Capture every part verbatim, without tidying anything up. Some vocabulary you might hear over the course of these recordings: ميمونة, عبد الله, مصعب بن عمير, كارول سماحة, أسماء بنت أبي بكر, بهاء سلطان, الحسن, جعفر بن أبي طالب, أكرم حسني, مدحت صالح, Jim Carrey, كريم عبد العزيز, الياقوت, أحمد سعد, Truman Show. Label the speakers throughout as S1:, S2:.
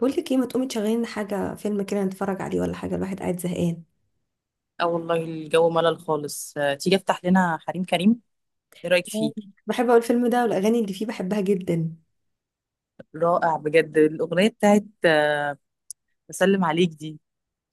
S1: بقول لك ايه، ما تقومي تشغلي لنا حاجه، فيلم كده نتفرج عليه ولا حاجه، الواحد قاعد زهقان.
S2: اه والله الجو ملل خالص، آه، تيجي افتح لنا حريم كريم. ايه رايك فيه؟
S1: بحب اقول الفيلم ده والاغاني اللي فيه بحبها جدا.
S2: رائع بجد الاغنيه بتاعت آه، بسلم عليك دي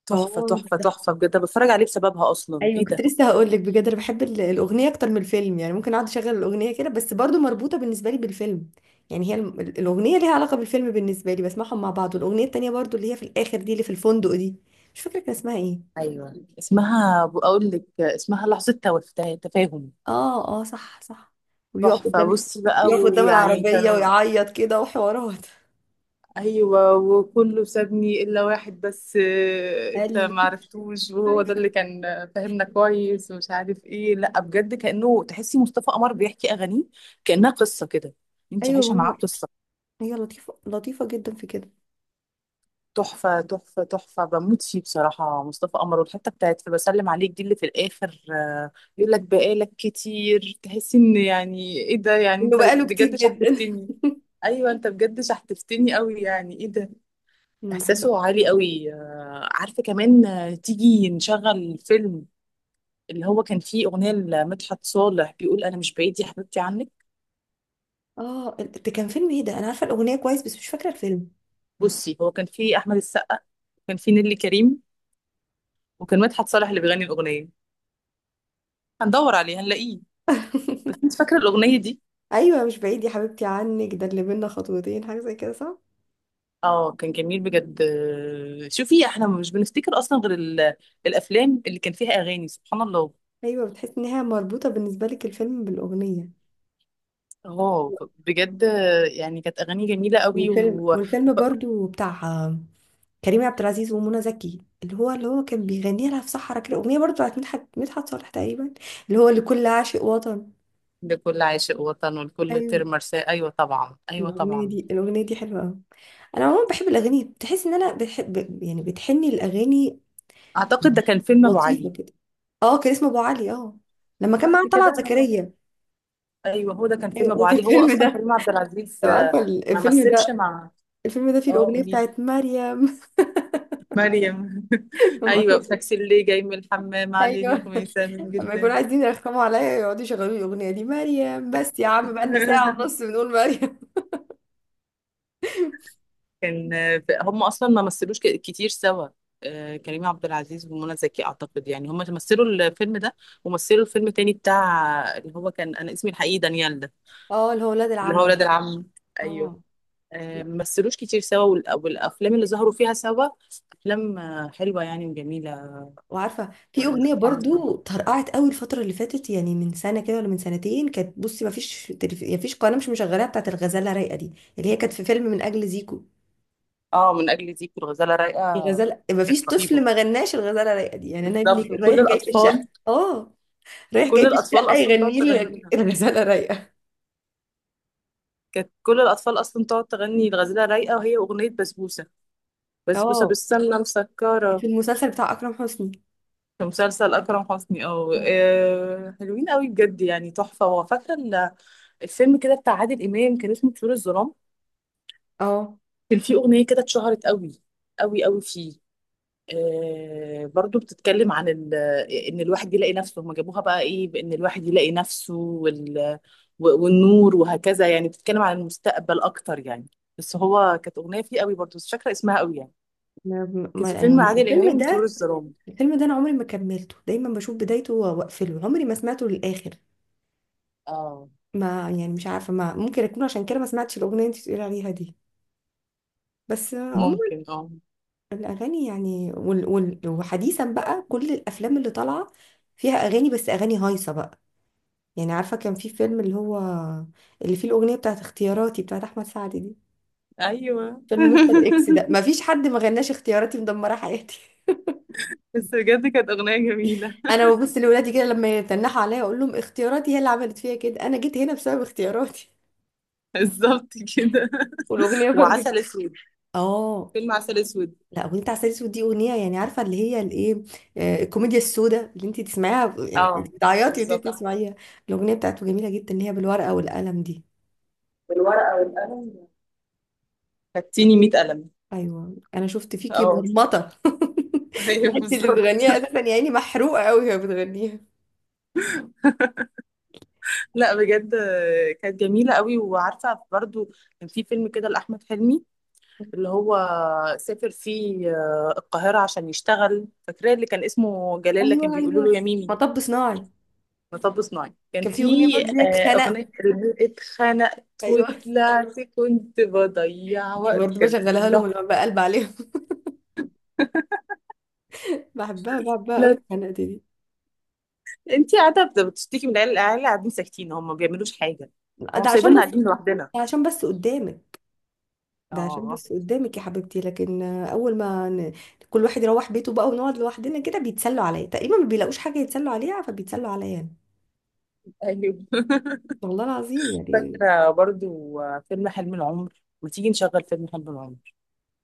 S2: تحفه
S1: اه،
S2: تحفه تحفه بجد. أنا بتفرج عليه بسببها اصلا،
S1: ايوه
S2: ايه
S1: كنت
S2: ده؟
S1: لسه هقول لك بجد، انا بحب ال- الاغنيه اكتر من الفيلم، يعني ممكن اقعد اشغل الاغنيه كده بس برضو مربوطه بالنسبه لي بالفيلم. يعني هي ال- ال- الاغنيه ليها علاقه بالفيلم بالنسبه لي، بسمعهم مع بعض، والاغنيه التانيه برضو اللي هي في الاخر دي، اللي في الفندق دي. مش فاكره كان اسمها ايه.
S2: ايوه، اسمها بقول لك، آه، اسمها لحظه توفاه تفاهم.
S1: اه، اه، صح، صح. ويقف
S2: تحفه،
S1: قدام
S2: بص بقى،
S1: يقف قدام
S2: ويعني
S1: العربيه
S2: كانوا.
S1: ويعيط كده وحوارات.
S2: ايوه، وكله سابني الا واحد بس، آه،
S1: قال
S2: انت
S1: لي
S2: ما عرفتوش، وهو ده اللي كان، آه، فاهمنا كويس ومش عارف ايه. لا بجد، كانه تحسي مصطفى قمر بيحكي اغانيه، كانها قصه كده، انت عايشه معاه
S1: ايوه،
S2: قصه.
S1: هي لطيفة، لطيفة جدا في كده.
S2: تحفه تحفه تحفه، بموت فيه بصراحه مصطفى قمر، والحته بتاعت في بسلم عليك دي اللي في الاخر، آه، يقول لك بقالك كتير، تحسي ان يعني ايه ده، يعني
S1: انه
S2: انت
S1: بقاله كتير
S2: بجد
S1: جدا.
S2: شحتفتني؟ ايوه، انت بجد شحتفتني قوي، يعني ايه ده.
S1: انا بحب.
S2: احساسه عالي قوي، آه، عارفه كمان، آه، تيجي نشغل فيلم، اللي هو كان فيه اغنيه لمدحت صالح بيقول انا مش بعيد يا حبيبتي عنك.
S1: اه، ال- ده كان فيلم ايه؟ ده انا عارفة الأغنية كويس بس مش فاكرة الفيلم.
S2: بصي، هو كان فيه احمد السقا، وكان فيه نيللي كريم، وكان مدحت صالح اللي بيغني الاغنيه. هندور عليه هنلاقيه. بس انت فاكره الاغنيه دي؟
S1: ايوه مش بعيد يا حبيبتي عنك، ده اللي بينا خطوتين، حاجة زي كده، صح؟
S2: اه، كان جميل بجد. آه، شوفي، احنا مش بنفتكر اصلا غير ال- الافلام اللي كان فيها اغاني، سبحان الله.
S1: ايوه، بتحس انها مربوطة بالنسبة لك الفيلم بالأغنية.
S2: اه بجد، آه، يعني كانت اغاني جميله قوي
S1: والفيلم
S2: و...
S1: والفيلم برضو بتاع آه، كريم عبد العزيز ومنى زكي، اللي هو اللي هو كان بيغني لها في صحرا كده أغنية برضو بتاعت مدحت مدحت صالح تقريبا، اللي هو لكل عاشق وطن.
S2: لكل عاشق وطن ولكل طير
S1: ايوه،
S2: مرساه، ايوه طبعا، ايوه
S1: الأغنية
S2: طبعا.
S1: دي الأغنية دي حلوة أوي. أنا عموما بحب الأغاني، بتحس إن أنا بحب، يعني بتحني الأغاني.
S2: اعتقد ده كان فيلم ابو
S1: لطيفة
S2: علي.
S1: كده. أه، كان اسمه أبو علي، أه، لما كان
S2: صح
S1: معاه طلعت
S2: كده هو.
S1: زكريا.
S2: ايوه، هو ده كان فيلم
S1: أيوة،
S2: ابو
S1: وفي
S2: علي، هو
S1: الفيلم
S2: اصلا
S1: ده،
S2: كريم عبد العزيز
S1: لو
S2: آه،
S1: عارفة ال-
S2: ما
S1: الفيلم
S2: مثلش
S1: ده،
S2: مع.
S1: الفيلم ده فيه
S2: اه
S1: الأغنية
S2: قولي.
S1: بتاعت مريم.
S2: مريم
S1: لما
S2: ايوه،
S1: كنت،
S2: تاكسي اللي جاي من الحمام عليه
S1: أيوه،
S2: خميسه من
S1: لما يكونوا
S2: جردان.
S1: عايزين يرخموا عليا يقعدوا يشغلوا لي الأغنية دي، مريم، بس يا عم بقالنا ساعة ونص بنقول مريم.
S2: كان، آه، هم اصلا ما مثلوش ك- كتير سوا، آه، كريم عبد العزيز ومنى زكي، اعتقد يعني هم مثلوا الفيلم ده ومثلوا الفيلم تاني بتاع، اللي هو كان انا اسمي الحقيقي دانيال ده،
S1: أه، اللي هو ولاد
S2: اللي هو
S1: العم ده.
S2: ولاد العم. ايوه.
S1: أه.
S2: آه، ممثلوش كتير سوا، والأ- والافلام اللي ظهروا فيها سوا افلام آه، حلوه يعني وجميله.
S1: وعارفه، في
S2: يعني
S1: اغنيه
S2: سبحان الله.
S1: برضو طرقعت قوي الفتره اللي فاتت، يعني من سنه كده ولا من سنتين، كانت، بصي ما فيش تلف... يعني ما فيش قناه مش مشغلاها، بتاعت الغزاله رايقه دي، اللي هي كانت في فيلم من اجل زيكو.
S2: اه، من اجل ديك، والغزاله رايقه
S1: الغزاله، ما فيش
S2: كانت رهيبه.
S1: طفل ما غناش الغزاله رايقه دي، يعني انا ابني
S2: بالظبط،
S1: كان
S2: وكل
S1: رايح جاي في الشقه،
S2: الاطفال،
S1: اه، رايح
S2: كل
S1: جاي في
S2: الاطفال
S1: الشقه
S2: اصلا تقعد
S1: يغني لي
S2: تغنيها.
S1: الغزاله رايقه.
S2: كانت كل الاطفال اصلا تقعد تغني الغزاله رايقه. وهي اغنيه بسبوسه، بسبوسه
S1: اه،
S2: بالسمنه مسكره،
S1: في المسلسل بتاع اكرم حسني.
S2: في مسلسل اكرم حسني. اه،
S1: آه.
S2: آه، حلوين قوي بجد يعني تحفه. وفاكره ال- الفيلم كده بتاع عادل امام، كان اسمه طيور الظلام.
S1: اه،
S2: كان في أغنية كده اتشهرت قوي قوي قوي فيه، آه برضو بتتكلم عن ال- إن الواحد يلاقي نفسه، هما جابوها بقى إيه، بإن الواحد يلاقي نفسه، وال و- والنور وهكذا، يعني بتتكلم عن المستقبل أكتر يعني. بس هو كانت أغنية فيه قوي برضو، بس مش فاكرة اسمها قوي يعني.
S1: ما
S2: كان
S1: ما-
S2: في فيلم
S1: يعني
S2: عادل
S1: الفيلم
S2: إمام طيور
S1: ده،
S2: الظلام.
S1: الفيلم ده انا عمري ما كملته، دايما بشوف بدايته واقفله، عمري ما سمعته للاخر.
S2: اه،
S1: ما يعني مش عارفة، ما ممكن أكون عشان كده ما سمعتش الأغنية اللي أنت بتقولي عليها دي، بس عموما
S2: ممكن. اه،
S1: الأغاني، يعني وال وال وحديثا بقى، كل الأفلام اللي طالعة فيها أغاني، بس أغاني هايصة بقى. يعني عارفة، كان في فيلم، اللي هو اللي فيه الأغنية بتاعت اختياراتي بتاعت أحمد سعد دي،
S2: ايوه.
S1: فيلم مستر إكس ده، ما فيش حد ما غناش اختياراتي مدمرة حياتي.
S2: بس بجد كانت أغنية جميلة.
S1: أنا ببص لولادي كده لما يتنحوا عليا، أقول لهم اختياراتي هي اللي عملت فيا كده، أنا جيت هنا بسبب اختياراتي.
S2: بالظبط كده.
S1: والأغنية برضه.
S2: وعسل أسود،
S1: اه،
S2: فيلم عسل أسود.
S1: لا، اغنيه عسل اسود دي اغنيه، يعني عارفه اللي هي الايه، آه، الكوميديا السوداء، اللي انت تسمعيها يعني انت
S2: اه،
S1: بتعيطي وانت
S2: بالظبط.
S1: بتسمعيها. الاغنيه بتاعته جميله جدا، اللي هي بالورقه والقلم دي.
S2: بالورقة والقلم، خدتيني مية قلم.
S1: ايوه، انا شفت فيكي
S2: اه.
S1: مرمطه.
S2: ايوه
S1: انت اللي
S2: بالظبط.
S1: بتغنيها اساسا، يا عيني محروقه قوي وهي بتغنيها.
S2: لا بجد، آه، كانت جميلة قوي. وعارفة برضو، كان في فيلم كده لأحمد حلمي، اللي هو سافر فيه آه، القاهرة عشان يشتغل، فاكراه اللي كان اسمه جلال لكن
S1: ايوه،
S2: بيقولوا له
S1: ايوه،
S2: يا ميمي؟
S1: مطب صناعي،
S2: مطب صناعي. كان
S1: كان في
S2: في
S1: اغنيه برضه اللي هي
S2: آه،
S1: اتخنق.
S2: أغنية اللي اتخنقت
S1: ايوه،
S2: وطلعت كنت بضيع
S1: دي
S2: وقت،
S1: برضه
S2: كانت
S1: بشغلها لهم
S2: بتضحك.
S1: لما بقلب عليهم. بحبها بحبها قوي،
S2: لا،
S1: اتخنقت دي.
S2: انتي قاعدة بتشتكي من العيال، العيال قاعدين ساكتين، هم ما بيعملوش حاجة، هم
S1: ده عشان
S2: سايبيننا
S1: بس،
S2: قاعدين لوحدنا.
S1: ده عشان بس قدامك، ده عشان
S2: اه،
S1: بس قدامك يا حبيبتي، لكن آه، اول ما ن... كل واحد يروح بيته بقى ونقعد لوحدنا كده، بيتسلوا عليا تقريبا، ما بيلاقوش حاجه يتسلوا عليها، فبيتسلوا عليا أنا.
S2: ايوه.
S1: والله العظيم يعني.
S2: فاكرة برضو فيلم حلم العمر؟ ما تيجي نشغل فيلم حلم العمر،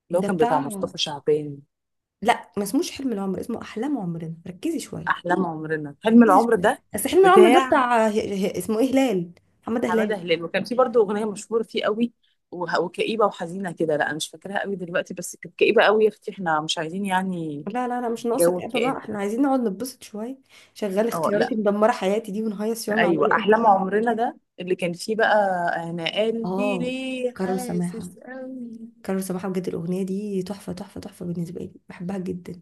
S2: اللي هو
S1: ده
S2: كان بتاع
S1: بتاع،
S2: مصطفى شعبان.
S1: لا ما اسموش حلم العمر، اسمه احلام عمرنا، ركزي شويه،
S2: أحلام عمرنا، حلم
S1: ركزي
S2: العمر
S1: شويه،
S2: ده
S1: بس حلم العمر ده
S2: بتاع
S1: بتاع ه... ه... اسمه ايه، هلال، محمد هلال.
S2: حمادة هلال، وكان في برضو أغنية مشهورة فيه قوي وه- وكئيبة وحزينة كده. لا أنا مش فاكراها قوي دلوقتي، بس كانت كئيبة قوي. يا أختي احنا مش عايزين يعني
S1: لا، لا، لا، مش ناقصك
S2: جو
S1: ابا بقى،
S2: الكآبة
S1: احنا
S2: ده.
S1: عايزين نقعد نتبسط شويه، شغال
S2: اه لا.
S1: اختياراتي مدمره حياتي دي، ونهيص شويه مع
S2: أيوة،
S1: العيال.
S2: أحلام عمرنا ده اللي كان فيه بقى أنا قلبي
S1: اه،
S2: ليه
S1: كارول سماحه،
S2: حاسس قوي.
S1: كانوا سماحة بجد، الأغنية دي تحفة، تحفة، تحفة بالنسبة لي، بحبها جدا.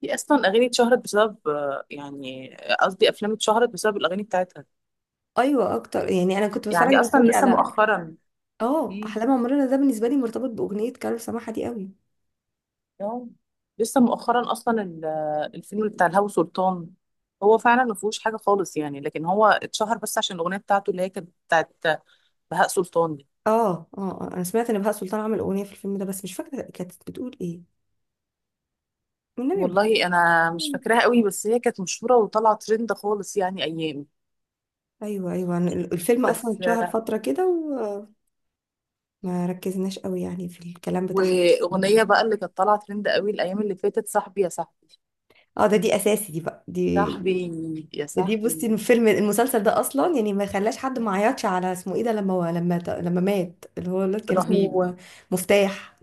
S2: في اصلا اغاني اتشهرت بسبب، آه، يعني قصدي افلام اتشهرت بسبب الاغاني بتاعتها.
S1: أيوة، أكتر، يعني أنا كنت بتفرج
S2: يعني
S1: أنا
S2: اصلا
S1: وأخواتي
S2: لسه
S1: على،
S2: مؤخرا.
S1: أه،
S2: مم.
S1: أحلام عمرنا ده بالنسبة لي مرتبط بأغنية كارول سماحة دي قوي.
S2: آه. لسه مؤخرا اصلا ال- الفيلم بتاع الهوى سلطان، هو فعلا ما فيهوش حاجه خالص يعني، لكن هو اتشهر بس عشان الاغنيه بتاعته اللي هي كانت بتاعت بهاء سلطان دي.
S1: أه، أه، آه. أنا سمعت إن بهاء سلطان عمل أغنية في الفيلم ده بس مش فاكرة كانت بتقول إيه، والنبي ما فاكرة.
S2: والله انا مش فاكراها قوي، بس هي كانت مشهوره وطالعه ترند خالص يعني ايام.
S1: أيوة، أيوة، أنا ال- الفيلم أصلا
S2: بس
S1: اتشهر
S2: آه،
S1: فترة كده وما ركزناش قوي يعني في الكلام بتاعها.
S2: واغنيه بقى اللي كانت طالعه ترند قوي الايام اللي فاتت، صاحبي يا صاحبي.
S1: أه، ده دي أساسي دي بقى دي،
S2: صاحبي يا
S1: دي بصي
S2: صاحبي.
S1: الفيلم المسلسل ده اصلا، يعني ما خلاش حد ما عيطش على اسمه ايه ده، لما لما لما مات، اللي هو الواد كان
S2: رهيب.
S1: اسمه مفتاح.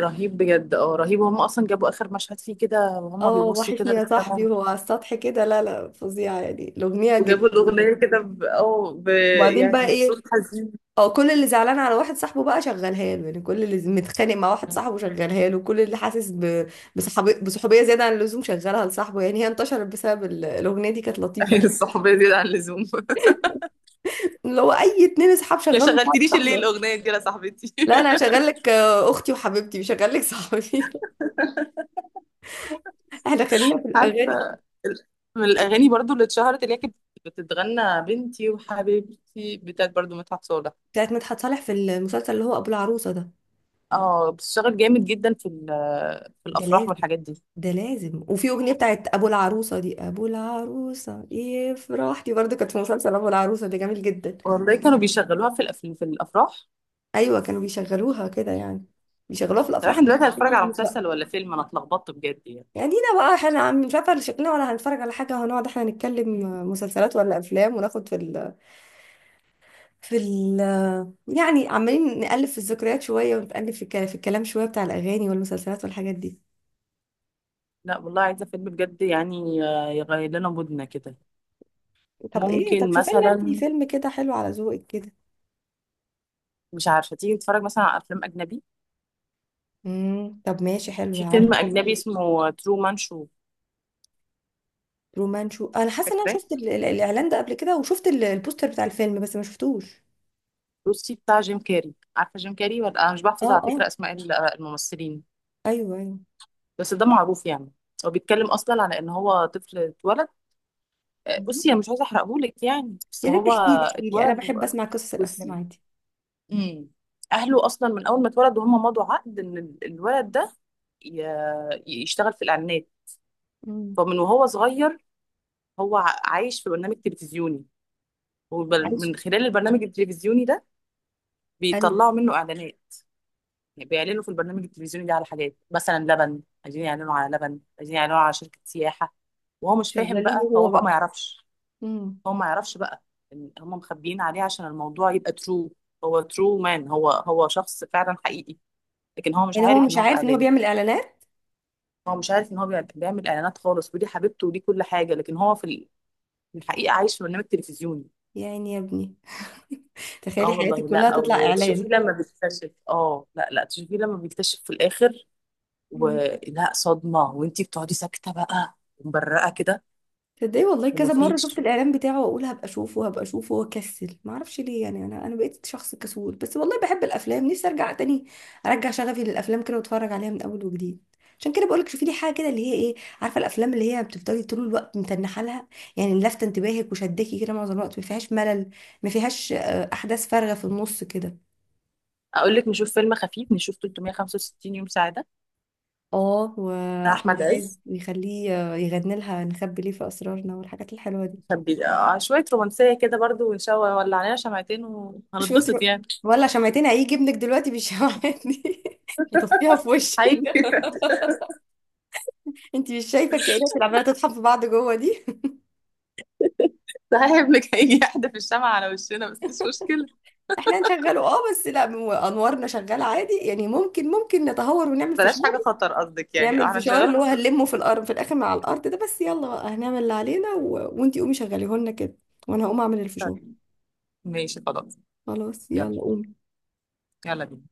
S2: رهيب بجد، اه رهيب. وهم اصلا جابوا اخر مشهد فيه كده وهم
S1: اه،
S2: بيبصوا
S1: وحشني
S2: كده
S1: يا صاحبي،
S2: للسما،
S1: وهو على السطح كده، لا، لا، فظيعه، يعني الاغنيه
S2: وجابوا
S1: جميله جداً.
S2: الاغنيه كده ب... اه ب...
S1: وبعدين بقى
S2: يعني بصوت
S1: ايه؟
S2: حزين.
S1: اه، كل اللي زعلان على واحد صاحبه بقى شغلها له، يعني كل اللي متخانق مع واحد صاحبه شغلها له، كل اللي حاسس ب- بصحابي- بصحوبيه زياده عن اللزوم شغلها لصاحبه، يعني هي انتشرت بسبب ال- الاغنيه دي، كانت لطيفه.
S2: ايوه، الصحوبيه زياده عن اللزوم.
S1: اللي هو اي اتنين اصحاب
S2: يا
S1: شغلوا بعض
S2: شغلتليش الليل
S1: صاحبه.
S2: الاغنيه دي يا صاحبتي.
S1: لا، انا هشغل لك آه، اختي وحبيبتي، مش هشغل لك صاحبي. احنا خلينا في
S2: عارفه
S1: الاغاني
S2: ال- من الاغاني برضو اللي اتشهرت اللي هي كانت بتتغنى، بنتي وحبيبتي بتاعت برضو مدحت صالح.
S1: بتاعت مدحت صالح في المسلسل اللي هو ابو العروسه ده.
S2: اه، بتشتغل جامد جدا في ال- في
S1: ده
S2: الافراح
S1: لازم،
S2: والحاجات دي.
S1: ده لازم، وفي اغنيه بتاعت ابو العروسه دي، ابو العروسه ايه فرحتي برضه، كانت في مسلسل ابو العروسه ده، جميل جدا.
S2: والله كانوا بيشغلوها في الأف- في الافراح.
S1: ايوه، كانوا بيشغلوها كده يعني، بيشغلوها في
S2: طب
S1: الافراح
S2: احنا دلوقتي هنتفرج على
S1: معظم الوقت.
S2: مسلسل ولا فيلم؟ انا اتلخبطت بجد يعني.
S1: يعني دينا بقى، احنا عم- مش عارفه شكلنا، ولا هنتفرج على حاجه، هنقعد احنا نتكلم مسلسلات ولا افلام، وناخد في، في ال يعني عمالين نقلب في الذكريات شوية، ونقلب في الكلام في الكلام شوية بتاع الأغاني والمسلسلات والحاجات دي.
S2: لا والله، عايزه فيلم بجد يعني، آه، يغير لنا مودنا كده.
S1: طب ايه، طب
S2: ممكن
S1: شوفي لنا انتي
S2: مثلا،
S1: فيلم كده حلو على ذوقك كده.
S2: مش عارفه، تيجي نتفرج مثلا على افلام اجنبي؟
S1: امم طب ماشي، حلو،
S2: في فيلم
S1: عارفة حاجة،
S2: اجنبي اسمه ترو مان شو،
S1: رومانشو؟ انا حاسة ان انا شفت ال- ال- الإعلان ده قبل كده، وشفت ال- البوستر بتاع الفيلم بس ما شفتوش.
S2: روسي بتاع جيم كاري. عارفه جيم كاري ولا؟ انا مش
S1: اه،
S2: بحفظ على فكره
S1: اه،
S2: اسماء ال- الممثلين،
S1: ايوه، ايوه.
S2: بس ده معروف يعني. هو بيتكلم اصلا على ان هو طفل اتولد. آه،
S1: مم.
S2: بصي انا مش عايزه احرقهولك يعني، بس
S1: يا ريت
S2: هو
S1: تحكي لي، احكي لي، انا
S2: اتولد و-
S1: بحب اسمع قصص الافلام
S2: بصي،
S1: عادي.
S2: امم اهله اصلا من اول ما اتولد وهم مضوا عقد ان ال- الولد ده ي- يشتغل في الاعلانات.
S1: امم.
S2: فمن وهو صغير هو ع- عايش في برنامج تلفزيوني،
S1: عايش.
S2: ومن خلال البرنامج التلفزيوني ده
S1: ايوه،
S2: بيطلعوا منه اعلانات. يعني بيعلنوا في البرنامج التلفزيوني ده على حاجات، مثلا لبن عايزين يعلنوا على لبن، عايزين يعلنوا على شركة سياحة، وهو مش فاهم
S1: شغالين
S2: بقى، هو
S1: هو
S2: بقى
S1: بقى.
S2: ما يعرفش.
S1: امم.
S2: هو ما يعرفش بقى إن هم مخبيين عليه عشان الموضوع يبقى ترو. هو ترو مان، هو هو شخص فعلا حقيقي، لكن هو مش
S1: يعني هو
S2: عارف ان
S1: مش
S2: هو في
S1: عارف ان هو
S2: اعلان.
S1: بيعمل اعلانات.
S2: هو مش عارف ان هو بيع- بيعمل اعلانات خالص، ودي حبيبته ودي كل حاجه، لكن هو في ال- في الحقيقه عايش في برنامج تلفزيوني.
S1: يعني يا ابني. تخيلي
S2: اه
S1: حياتك
S2: والله،
S1: كلها
S2: لا
S1: تطلع
S2: او تشوفيه
S1: اعلان.
S2: لما بيكتشف، اه لا لا تشوفيه لما بيكتشف في الاخر،
S1: مم.
S2: ولا صدمه، وانتي بتقعدي ساكته بقى ومبرقه كده
S1: تصدقي والله كذا مره شفت
S2: ومفيش.
S1: الاعلان بتاعه واقول هبقى اشوفه، هبقى اشوفه واكسل، ما اعرفش ليه، يعني انا انا بقيت شخص كسول، بس والله بحب الافلام، نفسي ارجع تاني، ارجع شغفي للافلام كده واتفرج عليها من اول وجديد. عشان كده بقولك شوفي لي حاجه كده، اللي هي ايه، عارفه الافلام اللي هي بتفضلي طول الوقت متنحه لها، يعني لافته انتباهك وشداكي كده معظم الوقت، ما فيهاش ملل، ما فيهاش آه، احداث فارغه في النص كده.
S2: اقول لك نشوف فيلم خفيف، نشوف ثلاثمية وخمسة وستين يوم سعاده
S1: اه،
S2: بتاع
S1: واحمد
S2: احمد
S1: عز
S2: عز،
S1: يخليه آه، يغني لها نخبي ليه في اسرارنا، والحاجات الحلوه دي.
S2: كان بي- آه، شويه رومانسيه كده برضو، وان شاء الله ولع علينا شمعتين وهنتبسط
S1: شاطر.
S2: يعني.
S1: ولا شمعتين، هيجي ابنك دلوقتي بالشمعات دي يطفيها في وشك.
S2: هيجي.
S1: انت مش شايفه الكائنات اللي عماله تطحن في بعض جوه دي؟
S2: صاحب لك هيجي يحدف الشمعة على وشنا بس مش مشكله.
S1: احنا هنشغله، اه، بس لا هو انوارنا شغاله عادي يعني، ممكن ممكن نتهور ونعمل
S2: بلاش
S1: فشار.
S2: حاجة خطر قصدك، يعني
S1: نعمل
S2: اه
S1: فشار
S2: هنشغله
S1: اللي هو
S2: بس.
S1: هنلمه في الارض، في الاخر مع الارض ده، بس يلا بقى هنعمل اللي علينا و... وانتي قومي شغليه لنا كده، وانا هقوم اعمل الفشار.
S2: طيب، ماشي خلاص.
S1: خلاص
S2: يلا.
S1: يلا قومي.
S2: يلا بينا.